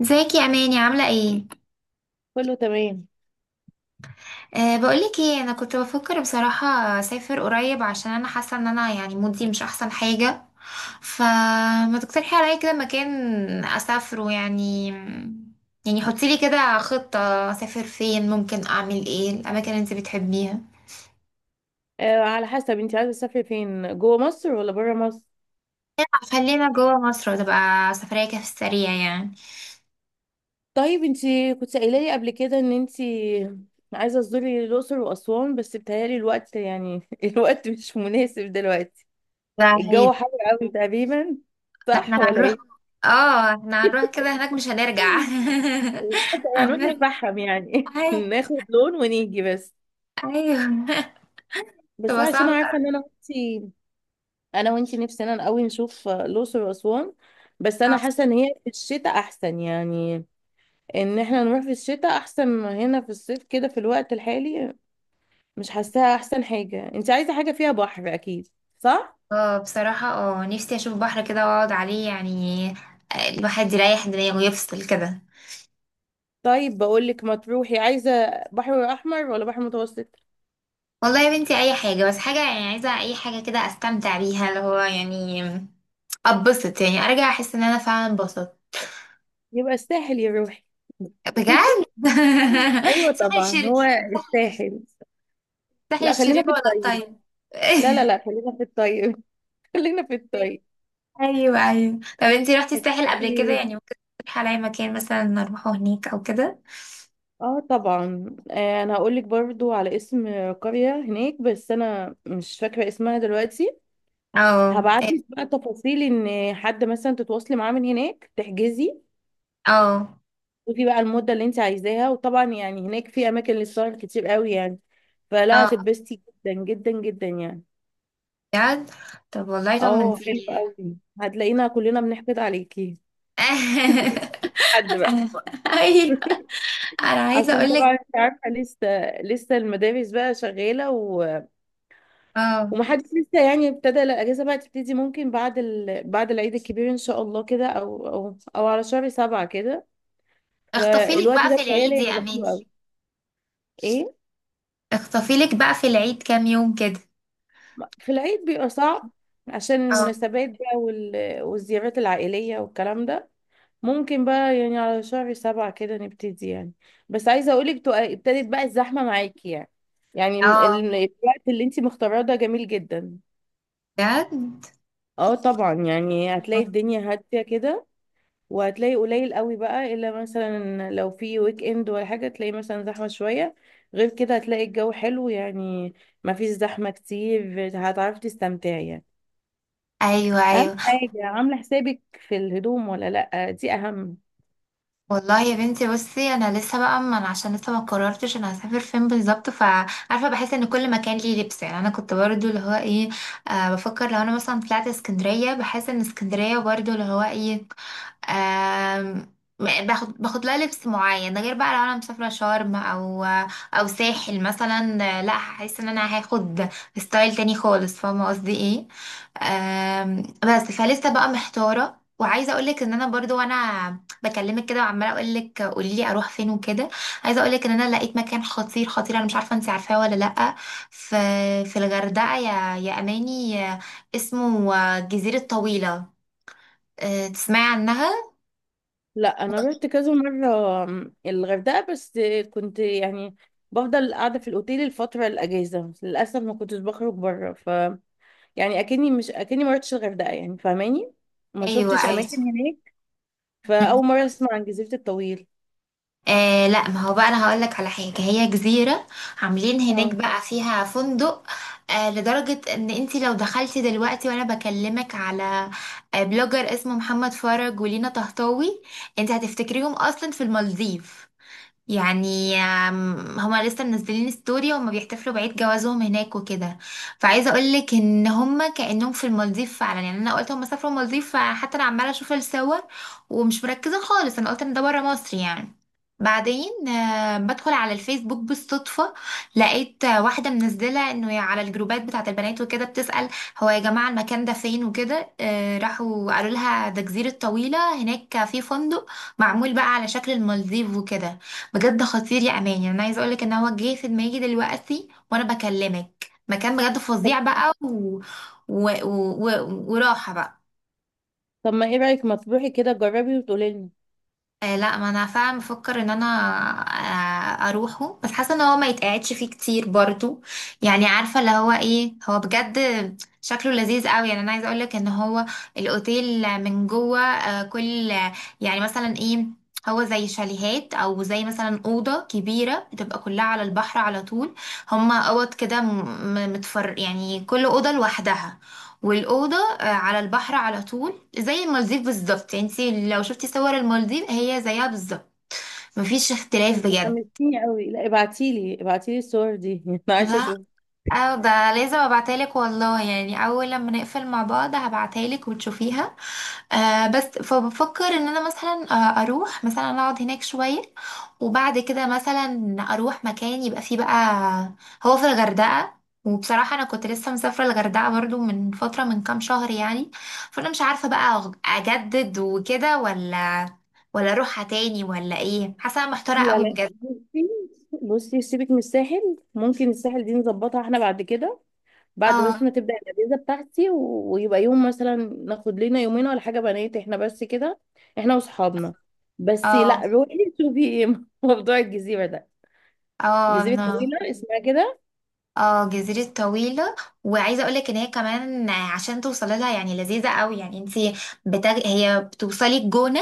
ازيك يا اماني، عامله ايه؟ كله تمام. بقولك ايه، انا كنت بفكر بصراحه اسافر قريب عشان انا حاسه ان انا يعني مودي مش احسن حاجه. فما تقترحي عليا كده مكان اسافره يعني. يعني حطي لي كده خطه، اسافر فين، ممكن اعمل ايه، الاماكن اللي انت بتحبيها. على حسب انت عايزه تسافري فين، جوه مصر ولا بره مصر؟ خلينا جوه مصر وتبقى سفريه كده في السريع يعني. طيب، انت كنت قايله لي قبل كده ان انت عايزه تزوري الاقصر واسوان، بس بتهيالي الوقت يعني الوقت مش مناسب دلوقتي. ده هي- الجو حر قوي تقريبا، ده صح احنا ولا هنروح، ايه؟ اه احنا هنروح كده هناك مش هنرجع. طب هنروح هنرجع. نتفحم يعني أي- ناخد لون ونيجي بس. ايوه. بس تبقى أنا عشان صعبة. عارفه ان انا وانتي نفسنا قوي نشوف الاقصر واسوان. بس انا اه حاسه ان هي في الشتاء احسن يعني، ان احنا نروح في الشتاء احسن ما هنا في الصيف كده في الوقت الحالي. مش حاساها احسن حاجة. انت عايزة حاجة فيها بحر اكيد، صح؟ بصراحة نفسي اشوف بحر كده واقعد عليه يعني. الواحد يريح دماغه ويفصل كده. طيب، بقولك ما تروحي. عايزة بحر احمر ولا بحر متوسط؟ والله يا بنتي اي حاجة، بس حاجة يعني، عايزة اي حاجة كده استمتع بيها، اللي هو يعني اتبسط يعني، ارجع احس ان انا فعلا اتبسطت. يبقى الساحل يا روحي. بجد. ايوه ساحل طبعا، الشرير. هو الساحل. ساحل لا، خلينا الشرير في ولا الطيب. الطيب؟ لا، لا، لا، خلينا في الطيب. خلينا في الطيب. ايوه، ايوه. طب انتي رحتي الساحل قبل كده؟ أكيد. يعني ممكن تقترحي عليا مكان مثلا نروحه هناك او كده. اه، طبعا. انا هقولك برضو على اسم قرية هناك، بس انا مش فاكرة اسمها دلوقتي. اه، هبعتلك بقى تفاصيل، ان حد مثلا تتواصلي معاه من هناك تحجزي. اه، ودي بقى المدة اللي انت عايزاها، وطبعا يعني هناك في اماكن للسهر كتير قوي يعني، فلا اه، هتتبسطي جدا جدا جدا يعني. بجد. طب والله اه، حلو طمنتيني ده. قوي. هتلاقينا كلنا بنحقد عليكي. حد بقى. انا. ايوه. انا عايزه عشان اقول طبعا لك. انت عارفه لسه المدارس بقى شغاله و... اه. ومحدش لسه يعني ابتدى. لا، الاجازه بقى تبتدي ممكن بعد العيد الكبير ان شاء الله كده، او على شهر 7 كده. اخطفي لك فالوقت بقى ده في بتهيألي العيد يا هيبقى حلو اماني. قوي. ايه؟ اخطفي لك بقى في العيد كام يوم كده. في العيد بيبقى صعب عشان اه. المناسبات بقى، وال... والزيارات العائلية والكلام ده. ممكن بقى يعني على شهر 7 كده نبتدي يعني. بس عايزة اقولك ابتدت بقى الزحمة معاكي يعني اه الوقت اللي انتي مختاراه ده جميل جدا. بجد. اه، طبعا يعني هتلاقي آه. الدنيا هادية كده، وهتلاقي قليل قوي بقى، الا مثلا لو في ويك اند ولا حاجة تلاقي مثلا زحمة شوية. غير كده هتلاقي الجو حلو يعني، مفيش زحمة كتير، هتعرفي تستمتعي يعني. ايوه، اهم ايوه. حاجه، عامله حسابك في الهدوم ولا لا؟ دي اهم. والله يا بنتي بصي، انا لسه بقى، ما أنا عشان لسه ما قررتش انا هسافر فين بالظبط، فعارفه بحس ان كل مكان ليه لبس يعني. انا كنت برضو اللي هو ايه، بفكر لو انا مثلا طلعت اسكندريه بحس ان اسكندريه برضو اللي هو ايه. آم، باخد لها لبس معين، ده غير بقى لو انا مسافره شرم او او ساحل مثلا، لا هحس ان انا هاخد ستايل تاني خالص. فاهمه قصدي ايه؟ بس فلسه بقى محتاره، وعايزه اقولك ان انا برضو وانا بكلمك كده وعماله اقولك قوليلي اروح فين وكده، عايزه اقولك ان انا لقيت مكان خطير خطير. انا مش عارفه انت عارفاه ولا لا. في في الغردقه يا اماني، اسمه جزيره طويله. تسمعي عنها؟ لا، انا رحت كذا مره الغردقه بس. كنت يعني بفضل قاعده في الاوتيل الفتره الاجازه، للاسف ما كنتش بخرج بره ف. يعني، اكني ما رحتش الغردقه يعني، فاهماني؟ ما ايوه، شفتش ايوه. اماكن هناك. مم. فاول مره اسمع عن جزيره الطويل. لا، ما هو بقى انا هقول لك على حاجه. هي جزيره عاملين هناك اه، بقى فيها فندق. لدرجه ان انت لو دخلتي دلوقتي وانا بكلمك على بلوجر اسمه محمد فرج ولينا طهطاوي، انت هتفتكريهم اصلا في المالديف. يعني هما لسه منزلين ستوري، هما بيحتفلوا بعيد جوازهم هناك وكده. فعايزه اقول لك ان هما كانهم في المالديف فعلا. يعني انا قلت هما سافروا المالديف، فحتى انا عماله اشوف الصور ومش مركزه خالص. انا قلت ان ده بره مصر يعني. بعدين بدخل على الفيسبوك بالصدفة، لقيت واحدة منزلة انه على الجروبات بتاعة البنات وكده بتسأل: هو يا جماعة المكان ده فين وكده. راحوا قالوا لها ده جزيرة طويلة هناك، في فندق معمول بقى على شكل المالديف وكده. بجد خطير يا امان. يعني انا عايزه اقولك ان هو جه في دماغي دلوقتي وانا بكلمك مكان بجد طب فظيع بقى، و... و... وراحه بقى. طب ما ايه رايك، ما تروحي كده جربي وتقولي لنا. لا، ما انا فعلا بفكر ان انا اروحه، بس حاسه ان هو ما يتقعدش فيه كتير برضو. يعني عارفه اللي هو ايه، هو بجد شكله لذيذ قوي. يعني انا عايزه اقولك ان هو الاوتيل من جوه كل يعني مثلا ايه، هو زي شاليهات او زي مثلا اوضه كبيره بتبقى كلها على البحر على طول. هما اوض كده متفر يعني، كل اوضه لوحدها، والأوضة على البحر على طول. زي المالديف بالظبط يعني. انتي لو شفتي صور المالديف هي زيها بالظبط، مفيش انت اختلاف بجد. حمستيني قوي. لا، ابعتيلي ابعتيلي الصور دي انا عايزه لا. اشوف. اه ده لازم ابعتهالك والله، يعني اول لما نقفل مع بعض هبعتهالك وتشوفيها. بس فبفكر ان انا مثلا اروح مثلا اقعد هناك شوية، وبعد كده مثلا اروح مكان يبقى فيه بقى، هو في الغردقة. وبصراحة انا كنت لسه مسافرة الغردقة برضو من فترة، من كام شهر يعني. فانا مش عارفة بقى اجدد وكده ولا ولا اروحها تاني ولا ايه. حاسة أنا محتارة لا، قوي لا، بجد. بصي، بصي، سيبك من الساحل. ممكن الساحل دي نظبطها احنا بعد كده. بعد بس ما اه، تبدأ الأجازة بتاعتي و- ويبقى يوم مثلا ناخد لنا يومين ولا حاجة، بنات احنا بس كده، احنا واصحابنا. بس لا، اه، روحي شوفي ايه موضوع الجزيرة ده. اه، الجزيرة انا. الطويلة اسمها كده. اه، جزيرة طويلة. وعايزة اقولك ان هي كمان عشان توصلي لها يعني لذيذة قوي. يعني انتي هي بتوصلي الجونة،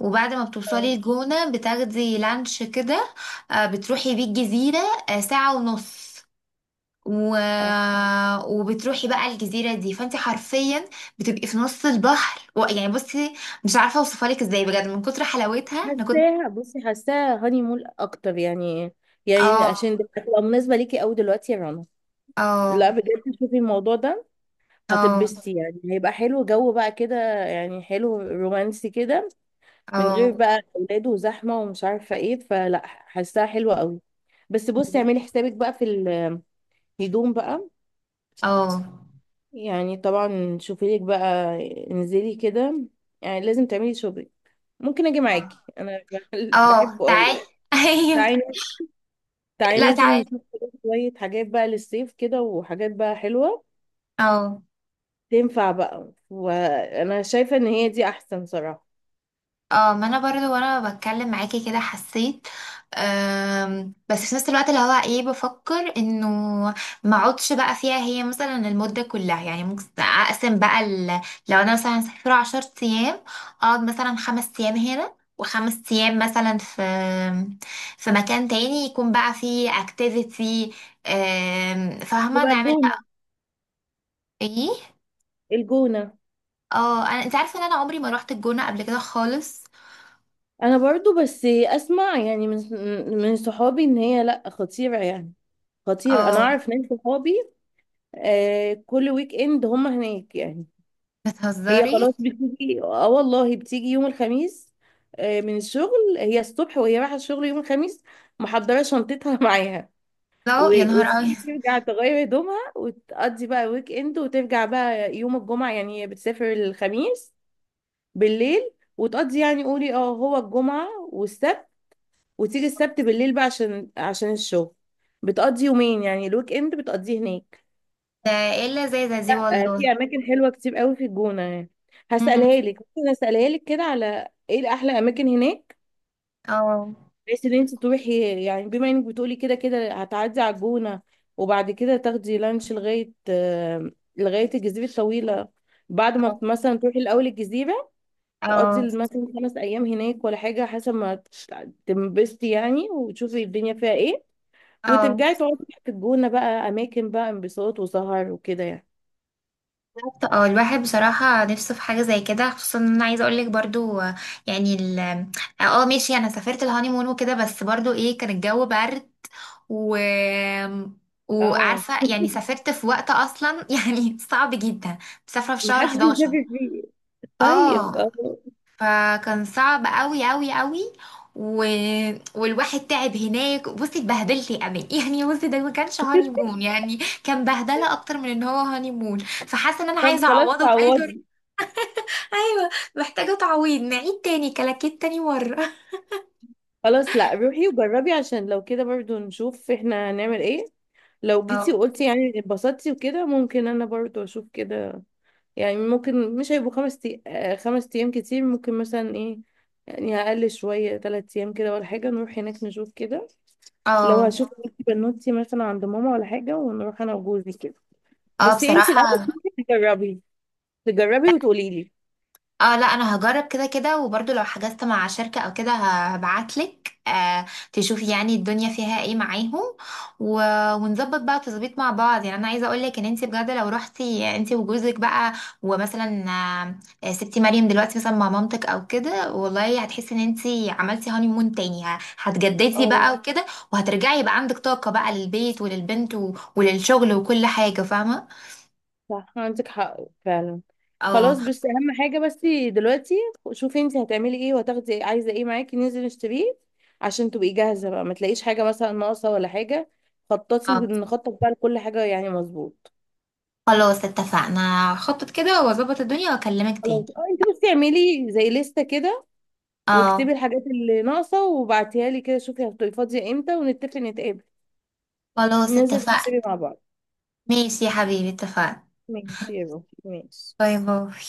وبعد ما اه، بتوصلي الجونة بتاخدي لانش كده. بتروحي بيه الجزيرة، ساعة ونص، و... اه. وبتروحي بقى الجزيرة دي، فانتي حرفيا بتبقي في نص البحر، يعني بصي، مش عارفة اوصفلك ازاي بجد من كتر حلاوتها. انا كنت. حاساها، بصي، حاساها هاني مول اكتر يعني يعني اه، عشان هتبقى مناسبة ليكي قوي دلوقتي يا رنا. لا، اه، بجد شوفي الموضوع ده. اه، هتتبسطي يعني، هيبقى حلو جو بقى كده، يعني حلو رومانسي كده، من غير اه، بقى اولاد وزحمه ومش عارفه ايه، فلا حاساها حلوه قوي. بس بصي، اعملي حسابك بقى في الهدوم بقى. اه. يعني طبعا شوفي لك بقى، انزلي كده، يعني لازم تعملي شوبينج. ممكن اجي معاكي آه. انا اه، بحبه قوي تعالي. يعني. ايوه. تعالي، تعالي لا ننزل تعالي. نشوف كده شويه حاجات بقى للصيف كده، وحاجات بقى حلوه اه. تنفع بقى. وانا شايفه ان هي دي احسن صراحه. اه، ما انا برضو وانا بتكلم معاكي كده حسيت. بس في نفس الوقت اللي هو ايه بفكر انه ما اقعدش بقى فيها هي مثلا المدة كلها. يعني ممكن اقسم بقى لو انا مثلا مسافرة عشر ايام، اقعد مثلا خمس ايام هنا وخمس ايام مثلا في مكان تاني يكون بقى فيه اكتيفيتي. فاهمة؟ يبقى نعمل الجونه. بقى ايه. الجونة. اه. انا انت عارفه ان انا عمري ما روحت الجونه قبل كده خالص. بس انا برضو بس اسمع يعني من صحابي ان هي لا، خطيرة يعني. خطيرة. انا اه. اعرف ناس صحابي، آه كل ويك اند هم هناك يعني. هي بتهزري؟ خلاص بتيجي، اه والله بتيجي يوم الخميس، من الشغل. هي الصبح وهي رايحة الشغل يوم الخميس محضرة شنطتها معاها. لا يا و- نهار وتيجي ابيض. ترجع تغير هدومها وتقضي بقى ويك اند، وترجع بقى يوم الجمعة يعني. هي بتسافر الخميس بالليل، وتقضي يعني قولي اه هو الجمعة والسبت، وتيجي السبت بالليل بقى عشان الشغل. بتقضي يومين يعني الويك اند بتقضيه هناك. ده ايه اللذاذه دي آه، والله. في اماكن حلوه كتير قوي في الجونه يعني. امم. هسألها لك، ممكن اسالها لك كده على ايه الاحلى اماكن هناك، اه، بحيث ان انت تروحي يعني. بما انك بتقولي كده كده هتعدي على الجونه، وبعد كده تاخدي لانش لغايه الجزيره الطويله. بعد ما اه، مثلا تروحي الاول الجزيره، اه، تقضي مثلا 5 ايام هناك ولا حاجه، حسب ما تنبسطي يعني وتشوفي الدنيا فيها ايه، اه. وترجعي تقعدي في الجونة بقى، أماكن بقى انبساط وسهر وكده يعني. بالظبط. اه الواحد بصراحه نفسه في حاجه زي كده، خصوصا ان انا عايزه اقول لك برضو يعني ال اه ماشي، انا سافرت الهانيمون وكده، بس برضو ايه كان الجو برد. و اه، وعارفه، يعني سافرت في وقت اصلا يعني صعب جدا، مسافره في شهر محدش 11. بيسافر فيه. طيب. اه، فكان صعب قوي قوي قوي. و... والواحد تعب هناك. بصي، اتبهدلت يا امل. يعني بصي ده ما كانش هاني مون يعني، كان بهدله اكتر من ان هو هاني مون. فحاسه ان انا طب عايزه خلاص اعوضه باي طريقه. تعوضي. ايوه. محتاجه تعويض، نعيد تاني، كلاكيت تاني مره. خلاص، لا، روحي وجربي عشان لو كده برضو نشوف احنا هنعمل ايه. لو جيتي اه، وقلتي يعني اتبسطتي وكده، ممكن انا برضو اشوف كده. يعني ممكن مش هيبقوا خمس تي... آه، 5 ايام كتير، ممكن مثلا ايه يعني اقل شوية 3 ايام كده ولا حاجة، نروح هناك نشوف كده. لو اه، هشوف بنوتي مثلا عند ماما ولا حاجة، ونروح انا وجوزي كده. اه، بس انت الاول بصراحه. تجربي، تجربي وتقولي لي. اه لا انا هجرب كده كده، وبرضو لو حجزت مع شركة او كده هبعتلك آه تشوفي يعني الدنيا فيها ايه معاهم. و... ونظبط بقى تظبيط مع بعض. يعني انا عايزة اقولك ان انت بجد لو رحتي انت وجوزك بقى، ومثلا سبتي مريم دلوقتي مثلا مع مامتك او كده، والله هتحسي ان انت عملتي هاني مون تاني. هتجددي اه، بقى وكده، وهترجعي يبقى عندك طاقة بقى للبيت وللبنت وللشغل وكل حاجة. فاهمة؟ صح، عندك حق فعلا. اه. خلاص، بس اهم حاجه بس دلوقتي، شوفي انت هتعملي ايه وهتاخدي عايزه ايه معاكي ننزل نشتريه، عشان تبقي جاهزه بقى ما تلاقيش حاجه مثلا ناقصه ولا حاجه. خططي اه نخطط بقى لكل حاجه يعني. مظبوط. خلاص اتفقنا، خطط كده واظبط الدنيا واكلمك تاني. خلاص، اه، انت بس اعملي زي لستة كده، اه واكتبي الحاجات اللي ناقصه وبعتيها لي كده. شوفي هتبقي فاضيه امتى ونتفق نتقابل خلاص ننزل اتفقنا. نشتري مع بعض. ماشي يا حبيبي اتفقنا. ماشي يا روحي، ماشي. باي باي.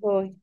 باي.